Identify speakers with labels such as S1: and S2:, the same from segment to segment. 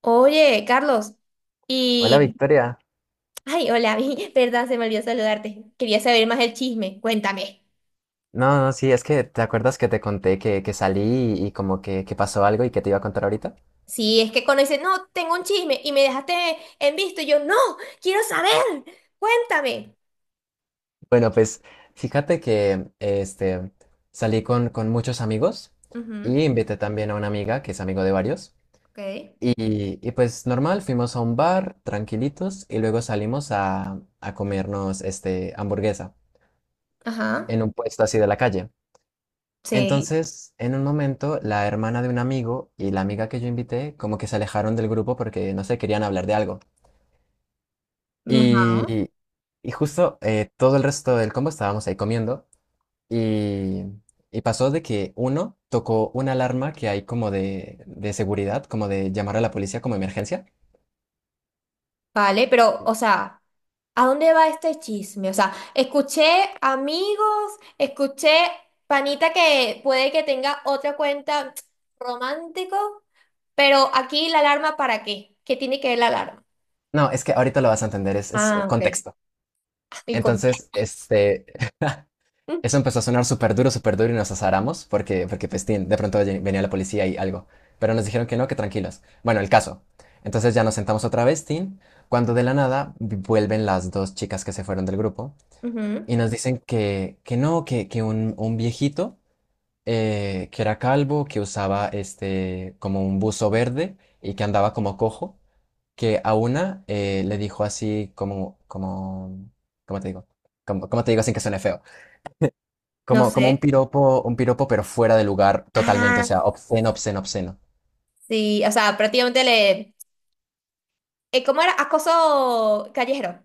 S1: Oye, Carlos,
S2: Hola
S1: y...
S2: Victoria.
S1: Ay, hola, verdad, se me olvidó saludarte. Quería saber más del chisme, cuéntame.
S2: No, no, sí, es que te acuerdas que te conté que salí y como que pasó algo y que te iba a contar ahorita.
S1: Si es que conoces, no, tengo un chisme y me dejaste en visto, y yo, no, quiero saber, cuéntame.
S2: Bueno, pues fíjate que salí con muchos amigos
S1: Ujú,
S2: y invité también a una amiga que es amigo de varios.
S1: ok,
S2: Y pues normal, fuimos a un bar tranquilitos y luego salimos a comernos hamburguesa
S1: ajá,
S2: en un puesto así de la calle.
S1: sí,
S2: Entonces, en un momento, la hermana de un amigo y la amiga que yo invité como que se alejaron del grupo porque, no sé, querían hablar de algo.
S1: ajá.
S2: Y, y justo todo el resto del combo estábamos ahí comiendo y, y pasó de que uno tocó una alarma que hay como de seguridad, como de llamar a la policía como emergencia.
S1: Vale, pero, o sea, ¿a dónde va este chisme? O sea, escuché amigos, escuché panita que puede que tenga otra cuenta romántico, pero aquí la alarma ¿para qué? ¿Qué tiene que ver la alarma?
S2: No, es que ahorita lo vas a entender, es,
S1: Ah, ok.
S2: contexto.
S1: El contexto.
S2: Entonces, eso empezó a sonar súper duro y nos azaramos porque pues, tin, de pronto venía la policía y algo. Pero nos dijeron que no, que tranquilos. Bueno, el caso. Entonces ya nos sentamos otra vez, Tin, cuando de la nada vuelven las dos chicas que se fueron del grupo
S1: Ujú.
S2: y nos dicen que no, que un viejito que era calvo, que usaba como un buzo verde y que andaba como cojo, que a una le dijo así como, ¿cómo te digo? Como, ¿cómo te digo sin que suene feo?
S1: No
S2: Como
S1: sé.
S2: un piropo, pero fuera de lugar totalmente, o
S1: Ah,
S2: sea, obsceno, obsceno, obsceno.
S1: sí, o sea, prácticamente ¿cómo era? Acoso callejero.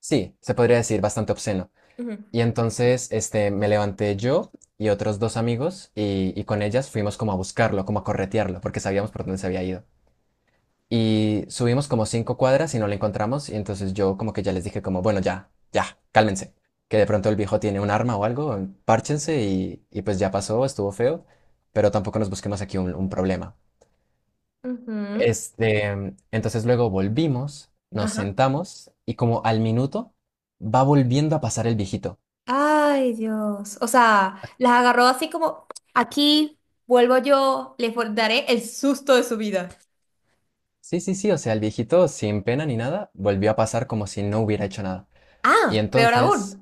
S2: Sí, se podría decir bastante obsceno.
S1: Ujú,
S2: Y entonces, me levanté yo y otros dos amigos y con ellas fuimos como a buscarlo, como a corretearlo, porque sabíamos por dónde se había ido. Y subimos como cinco cuadras y no lo encontramos y entonces yo como que ya les dije como, bueno, ya, ya, cálmense, que de pronto el viejo tiene un arma o algo, párchense y pues ya pasó, estuvo feo, pero tampoco nos busquemos aquí un problema.
S1: ujú.
S2: Este, entonces luego volvimos, nos
S1: Ajá.
S2: sentamos y como al minuto va volviendo a pasar el viejito.
S1: Ay, Dios. O sea, las agarró así como, aquí vuelvo yo, les daré el susto de su vida.
S2: Sí, sí, sí, o sea, el viejito sin pena ni nada volvió a pasar como si no hubiera hecho nada. Y
S1: Ah, peor aún.
S2: entonces,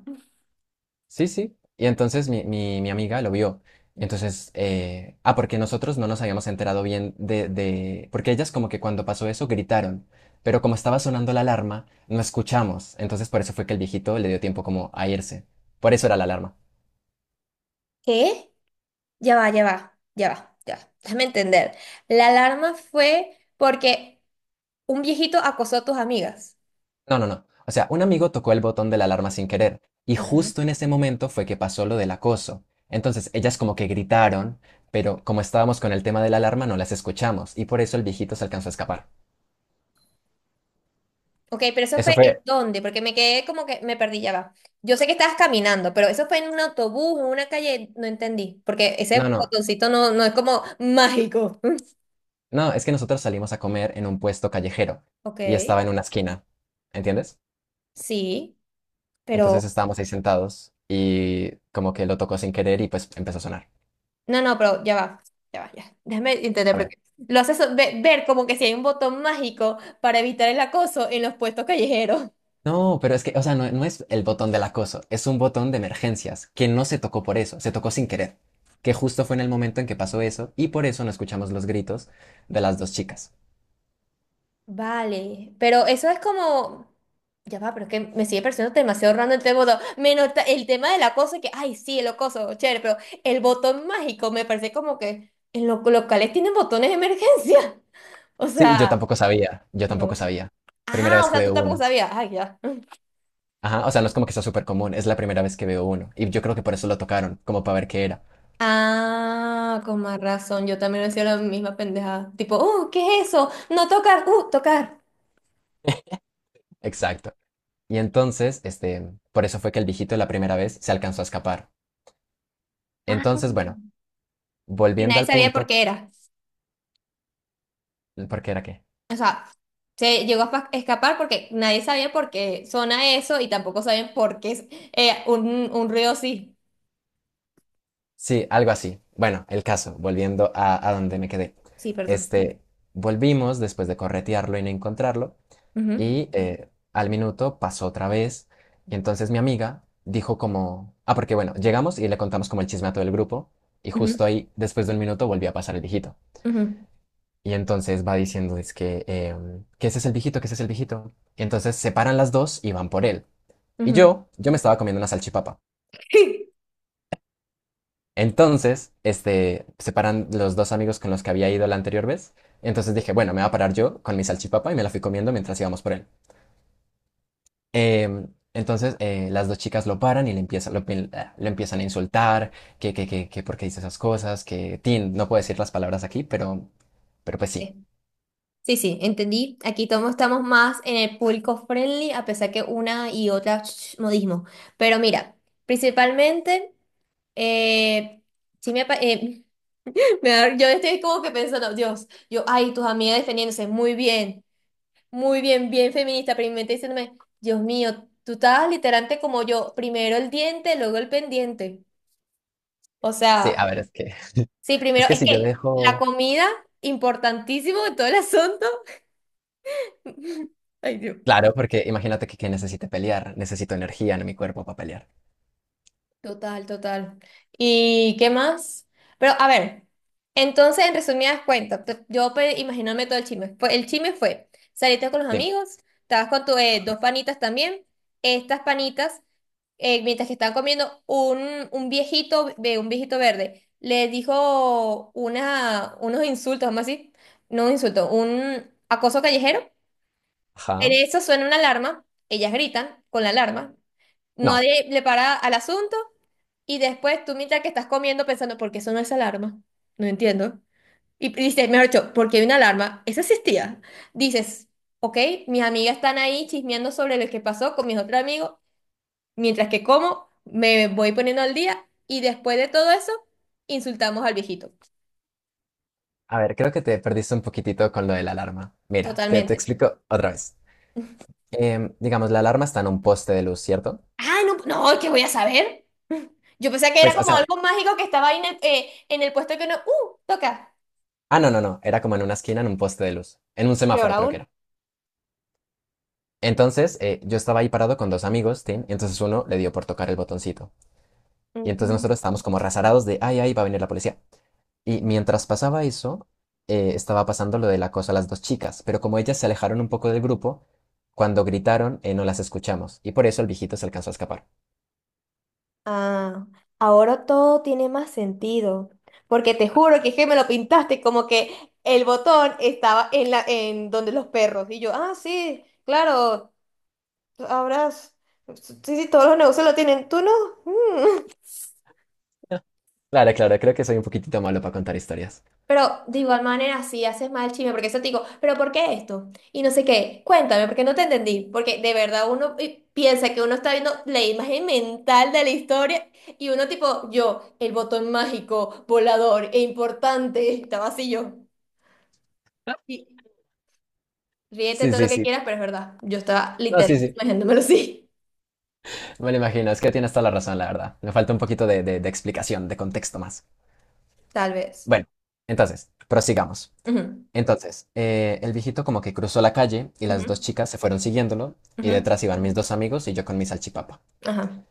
S2: sí, sí, y entonces mi amiga lo vio. Y entonces, ah, porque nosotros no nos habíamos enterado bien porque ellas como que cuando pasó eso gritaron, pero como estaba sonando la alarma, no escuchamos. Entonces por eso fue que el viejito le dio tiempo como a irse. Por eso era la alarma.
S1: ¿Qué? Ya va, ya va, ya va, ya va. Déjame entender. La alarma fue porque un viejito acosó a tus amigas.
S2: No, no, no. O sea, un amigo tocó el botón de la alarma sin querer y
S1: Ajá.
S2: justo en ese momento fue que pasó lo del acoso. Entonces, ellas como que gritaron, pero como estábamos con el tema de la alarma no las escuchamos y por eso el viejito se alcanzó a escapar.
S1: Ok, pero eso
S2: Eso
S1: fue en
S2: fue.
S1: dónde, porque me quedé como que me perdí, ya va. Yo sé que estabas caminando, pero eso fue en un autobús, en una calle, no entendí, porque
S2: No,
S1: ese
S2: no,
S1: botoncito no es como mágico.
S2: no, es que nosotros salimos a comer en un puesto callejero y
S1: Ok.
S2: estaba en una esquina, ¿entiendes?
S1: Sí.
S2: Entonces
S1: Pero,
S2: estábamos ahí sentados y como que lo tocó sin querer y pues empezó a sonar.
S1: no, no, pero ya va, ya va, ya. Déjame intentar
S2: A ver.
S1: porque lo haces ver como que si hay un botón mágico para evitar el acoso en los puestos callejeros.
S2: No, pero es que, o sea, no, no es el botón del acoso, es un botón de emergencias que no se tocó por eso, se tocó sin querer, que justo fue en el momento en que pasó eso y por eso no escuchamos los gritos de las dos chicas.
S1: Vale, pero eso es. Ya va, pero es que me sigue pareciendo demasiado random este botón. Menos el tema del acoso, que, ay, sí, el acoso, chévere, pero el botón mágico me parece como que en los locales tienen botones de emergencia. O
S2: Sí, yo
S1: sea,
S2: tampoco sabía, yo tampoco
S1: no.
S2: sabía. Primera
S1: Ah,
S2: vez
S1: o
S2: que
S1: sea, tú
S2: veo
S1: tampoco
S2: uno.
S1: sabías. Ay, ya.
S2: Ajá, o sea, no es como que sea súper común, es la primera vez que veo uno y yo creo que por eso lo tocaron, como para ver qué era.
S1: Ah, con más razón. Yo también decía la misma pendejada. Tipo, ¿qué es eso? No tocar, tocar.
S2: Exacto. Y entonces, por eso fue que el viejito la primera vez se alcanzó a escapar.
S1: Ah,
S2: Entonces, bueno,
S1: porque
S2: volviendo
S1: nadie
S2: al
S1: sabía por
S2: punto,
S1: qué era.
S2: ¿por qué era qué?
S1: O sea, se llegó a escapar porque nadie sabía por qué suena eso y tampoco sabían por qué es un ruido así.
S2: Sí, algo así. Bueno, el caso, volviendo a donde me quedé.
S1: Sí, perdón.
S2: Este, volvimos después de corretearlo y no encontrarlo,
S1: Ujú,
S2: y al minuto pasó otra vez, y entonces mi amiga dijo como, ah, porque bueno, llegamos y le contamos como el chisme a todo el grupo, y justo ahí, después de un minuto, volvió a pasar el viejito.
S1: ujú,
S2: Y entonces va diciendo, es que, que ese es el viejito, que ese es el viejito. Y entonces se paran las dos y van por él.
S1: ujú,
S2: Y
S1: ujú.
S2: yo me estaba comiendo una salchipapa. Entonces, se paran los dos amigos con los que había ido la anterior vez. Entonces dije, bueno, me va a parar yo con mi salchipapa y me la fui comiendo mientras íbamos por él. Em, entonces, las dos chicas lo paran y le empiezan, lo, ah, lo empiezan a insultar, que por qué dice esas cosas, que, Tin, no puedo decir las palabras aquí, pero pues sí.
S1: Sí, sí, entendí. Aquí todos estamos más en el público friendly, a pesar que una y otra modismo. Pero mira, principalmente. Eh, sí me, apa- me da- yo estoy como que pensando, Dios, yo, ay, tus amigas defendiéndose, muy bien, bien feminista, pero mi mente diciéndome, Dios mío, tú estabas literalmente como yo, primero el diente, luego el pendiente. O
S2: Sí, a
S1: sea,
S2: ver, es que,
S1: sí,
S2: es
S1: primero,
S2: que
S1: es
S2: si yo
S1: que la
S2: dejo.
S1: comida, importantísimo en todo el asunto. Ay, Dios.
S2: Claro, porque imagínate que necesite pelear, necesito energía en mi cuerpo para pelear.
S1: Total, total. ¿Y qué más? Pero a ver, entonces en resumidas cuentas, imaginándome todo el chisme. El chisme fue, saliste con los amigos, estabas con tus dos panitas también, estas panitas, mientras que estaban comiendo, un viejito, un viejito verde, les dijo unos insultos, vamos a decir, no un insulto, un acoso callejero. En
S2: Ajá.
S1: eso suena una alarma, ellas gritan con la alarma,
S2: No.
S1: nadie le para al asunto. Y después tú mientras que estás comiendo pensando, ¿por qué sonó esa alarma? No entiendo. Y dices, mejor dicho, ¿por qué hay una alarma? Esa existía. Dices, ok, mis amigas están ahí chismeando sobre lo que pasó con mis otros amigos, mientras que como, me voy poniendo al día y después de todo eso, insultamos al viejito.
S2: A ver, creo que te perdiste un poquitito con lo de la alarma. Mira, te
S1: Totalmente.
S2: explico otra vez. Digamos, la alarma está en un poste de luz, ¿cierto?
S1: Ah, no, no, ¿qué voy a saber? Yo pensé que era
S2: Pues, o
S1: como
S2: sea,
S1: algo mágico que estaba ahí en el puesto que uno, toca.
S2: ah, no, no, no. Era como en una esquina, en un poste de luz. En un
S1: Peor
S2: semáforo, creo que
S1: aún.
S2: era. Entonces, yo estaba ahí parado con dos amigos, Tim, y entonces uno le dio por tocar el botoncito. Y entonces nosotros estábamos como rasarados de, ay, ay, va a venir la policía. Y mientras pasaba eso, estaba pasando lo del acoso a las dos chicas, pero como ellas se alejaron un poco del grupo, cuando gritaron, no las escuchamos, y por eso el viejito se alcanzó a escapar.
S1: Ah, ahora todo tiene más sentido, porque te juro que es que me lo pintaste como que el botón estaba en la en donde los perros y yo, ah, sí, claro, ahora sí, sí, todos los negocios lo tienen, tú no.
S2: Claro, claro, creo que soy un poquitito malo para contar historias.
S1: Pero de igual manera, si haces mal chisme, porque eso te digo, pero ¿por qué esto? Y no sé qué, cuéntame, porque no te entendí, porque de verdad uno piensa que uno está viendo la imagen mental de la historia y uno tipo, yo, el botón mágico, volador e importante, estaba así yo. Y ríete
S2: Sí,
S1: todo lo
S2: sí,
S1: que
S2: sí.
S1: quieras, pero es verdad, yo estaba
S2: No, sí,
S1: literalmente
S2: sí.
S1: imaginándomelo así,
S2: Me lo imagino, es que tienes toda la razón, la verdad. Me falta un poquito de explicación, de contexto más.
S1: tal vez.
S2: Bueno, entonces, prosigamos.
S1: Ujú,
S2: Entonces, el viejito como que cruzó la calle y las
S1: ujú,
S2: dos chicas se fueron siguiéndolo y
S1: ujú.
S2: detrás iban mis dos amigos y yo con mi salchipapa.
S1: Ajá.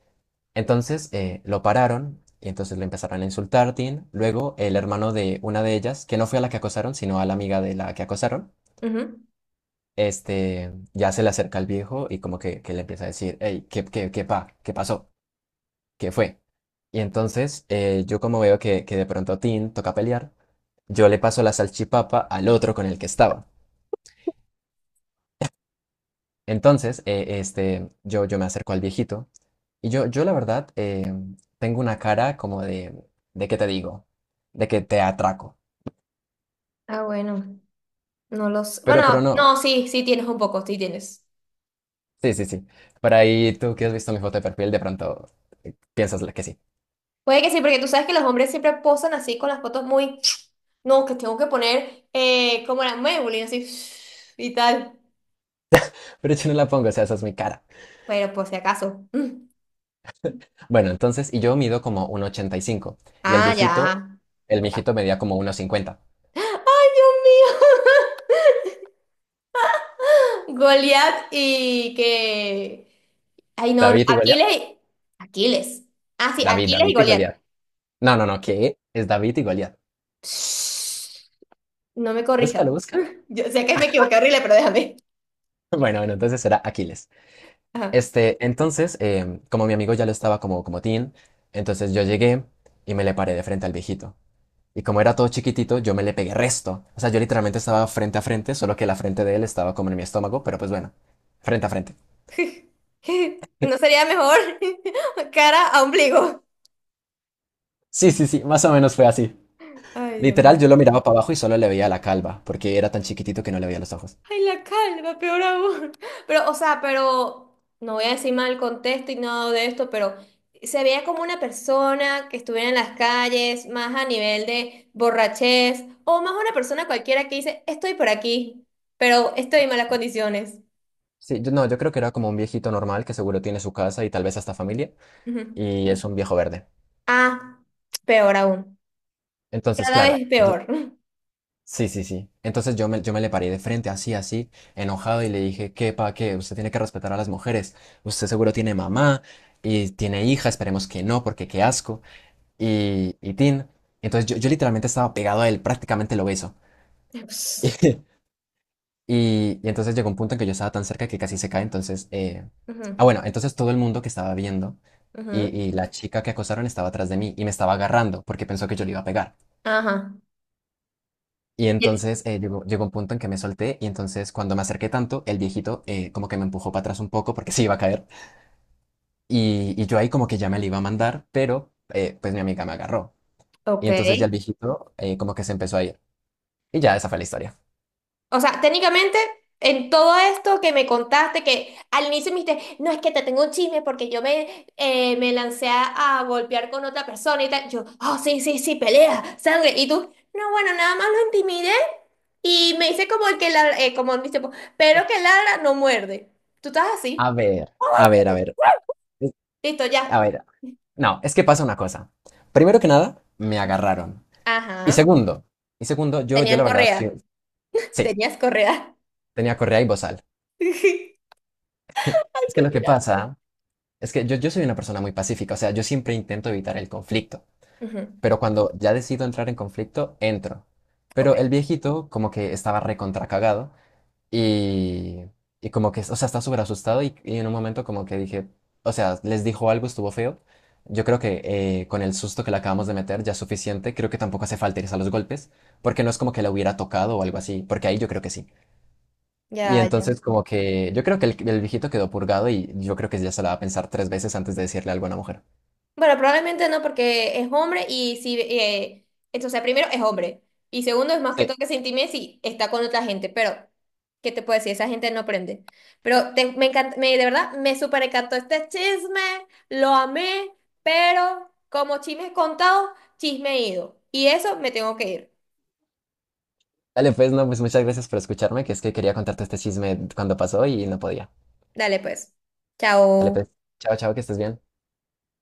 S2: Entonces, lo pararon y entonces le empezaron a insultar, Tin. Luego, el hermano de una de ellas, que no fue a la que acosaron, sino a la amiga de la que acosaron,
S1: Ujú.
S2: ya se le acerca al viejo y como que le empieza a decir, hey, ¿qué pasó? ¿Qué fue? Y entonces yo como veo que de pronto Tin toca pelear, yo le paso la salchipapa al otro con el que estaba. Entonces, yo me acerco al viejito y yo la verdad tengo una cara como ¿de qué te digo? De que te atraco.
S1: Ah, bueno, no los
S2: Pero
S1: bueno,
S2: no,
S1: no, sí, sí tienes un poco, sí tienes.
S2: sí, sí, sí. Por ahí tú que has visto mi foto de perfil, de pronto piensas que sí.
S1: Puede que sí, porque tú sabes que los hombres siempre posan así con las fotos. No, que tengo que poner como la Maybelline, así y tal.
S2: Pero yo no la pongo, o sea, esa es mi cara.
S1: Pero por si acaso. Mm.
S2: Bueno, entonces, y yo mido como 1,85 y cinco y el
S1: Ah,
S2: viejito,
S1: ya.
S2: el viejito medía como 1,50.
S1: ¡Ay, Dios mío! Goliat. Ay, no, no.
S2: David y Goliat.
S1: Aquiles. Aquiles. Ah, sí,
S2: David,
S1: Aquiles y
S2: David y
S1: Goliat.
S2: Goliat. No, no, no, ¿qué? Es David y Goliat.
S1: No me corrijas.
S2: Búscalo, búscalo.
S1: Yo sé que me equivoqué horrible, pero déjame.
S2: Bueno, bueno, entonces era Aquiles.
S1: Ajá.
S2: Entonces, como mi amigo ya lo estaba como teen, entonces yo llegué y me le paré de frente al viejito. Y como era todo chiquitito, yo me le pegué resto. O sea, yo literalmente estaba frente a frente, solo que la frente de él estaba como en mi estómago, pero pues bueno, frente a frente.
S1: ¿No sería mejor cara a ombligo?
S2: Sí, sí, sí, más o menos fue así.
S1: Ay, Dios
S2: Literal,
S1: mío.
S2: yo lo miraba para abajo y solo le veía la calva, porque era tan chiquitito que no le veía los ojos.
S1: Ay, la calva, peor aún. Pero, o sea, pero no voy a decir mal contexto y nada de esto, pero se veía como una persona que estuviera en las calles, más a nivel de borrachez, o más una persona cualquiera que dice, estoy por aquí, pero estoy en malas condiciones.
S2: Sí, yo, no, yo creo que era como un viejito normal que seguro tiene su casa y tal vez hasta familia,
S1: Ujú.
S2: y es un viejo verde.
S1: Ah, peor aún.
S2: Entonces,
S1: Cada
S2: claro,
S1: vez es
S2: yo,
S1: peor.
S2: sí, sí, sí. Entonces yo me le paré de frente, así, así, enojado, y le dije, ¿Qué? Usted tiene que respetar a las mujeres. Usted seguro tiene mamá y tiene hija, esperemos que no, porque qué asco. Y tin. Entonces yo literalmente estaba pegado a él, prácticamente lo beso. Y entonces llegó un punto en que yo estaba tan cerca que casi se cae. Entonces, ah,
S1: Ujú,
S2: bueno, entonces todo el mundo que estaba viendo y,
S1: ujú.
S2: y la chica que acosaron estaba atrás de mí y me estaba agarrando porque pensó que yo le iba a pegar.
S1: Ajá,
S2: Y
S1: y
S2: entonces llegó un punto en que me solté y entonces cuando me acerqué tanto, el viejito como que me empujó para atrás un poco porque se iba a caer. Y yo ahí como que ya me le iba a mandar, pero pues mi amiga me agarró. Y
S1: ok.
S2: entonces ya el viejito como que se empezó a ir. Y ya esa fue la historia.
S1: O sea, técnicamente, en todo esto que me contaste, que al inicio me dijiste, no es que te tengo un chisme porque yo me lancé a, golpear con otra persona y tal. Yo, oh, sí, sí, sí, pelea, sangre. Y tú, no, bueno, nada más lo intimidé y me hice como el que ladra, como dice, pues, pero que ladra no muerde. Tú estás
S2: A
S1: así.
S2: ver, a ver, a ver. es-
S1: Listo,
S2: A
S1: ya.
S2: ver, No, es que pasa una cosa. Primero que nada, me agarraron. Y
S1: Ajá.
S2: segundo, y segundo, yo
S1: Tenían
S2: la verdad,
S1: correa.
S2: sí, sí,
S1: Tenías correa.
S2: tenía correa y bozal.
S1: Ay,
S2: Es que lo
S1: coño,
S2: que
S1: la-
S2: pasa es que yo soy una persona muy pacífica, o sea, yo siempre intento evitar el conflicto,
S1: Ujú.
S2: pero cuando ya decido entrar en conflicto, entro.
S1: Ok,
S2: Pero el viejito como que estaba recontracagado. Y, y como que, o sea, está súper asustado y en un momento como que dije, o sea, les dijo algo, estuvo feo. Yo creo que con el susto que le acabamos de meter ya es suficiente. Creo que tampoco hace falta irse a los golpes, porque no es como que la hubiera tocado o algo así, porque ahí yo creo que sí. Y
S1: ya, ya.
S2: entonces como que yo creo que el viejito quedó purgado y yo creo que ya se la va a pensar tres veces antes de decirle algo a una mujer.
S1: Bueno, probablemente no, porque es hombre y si, entonces o sea, primero es hombre y segundo es más que
S2: Sí.
S1: todo que se intime si está con otra gente, pero ¿qué te puedo decir? Esa gente no aprende. Pero me encanta, me, de verdad, me súper encantó este chisme, lo amé, pero como chisme contado, chisme ido. Y eso me tengo que ir.
S2: Dale, pues, no, pues muchas gracias por escucharme, que es que quería contarte este chisme cuando pasó y no podía.
S1: Dale pues.
S2: Dale,
S1: Chao.
S2: pues, chao, chao, que estés bien.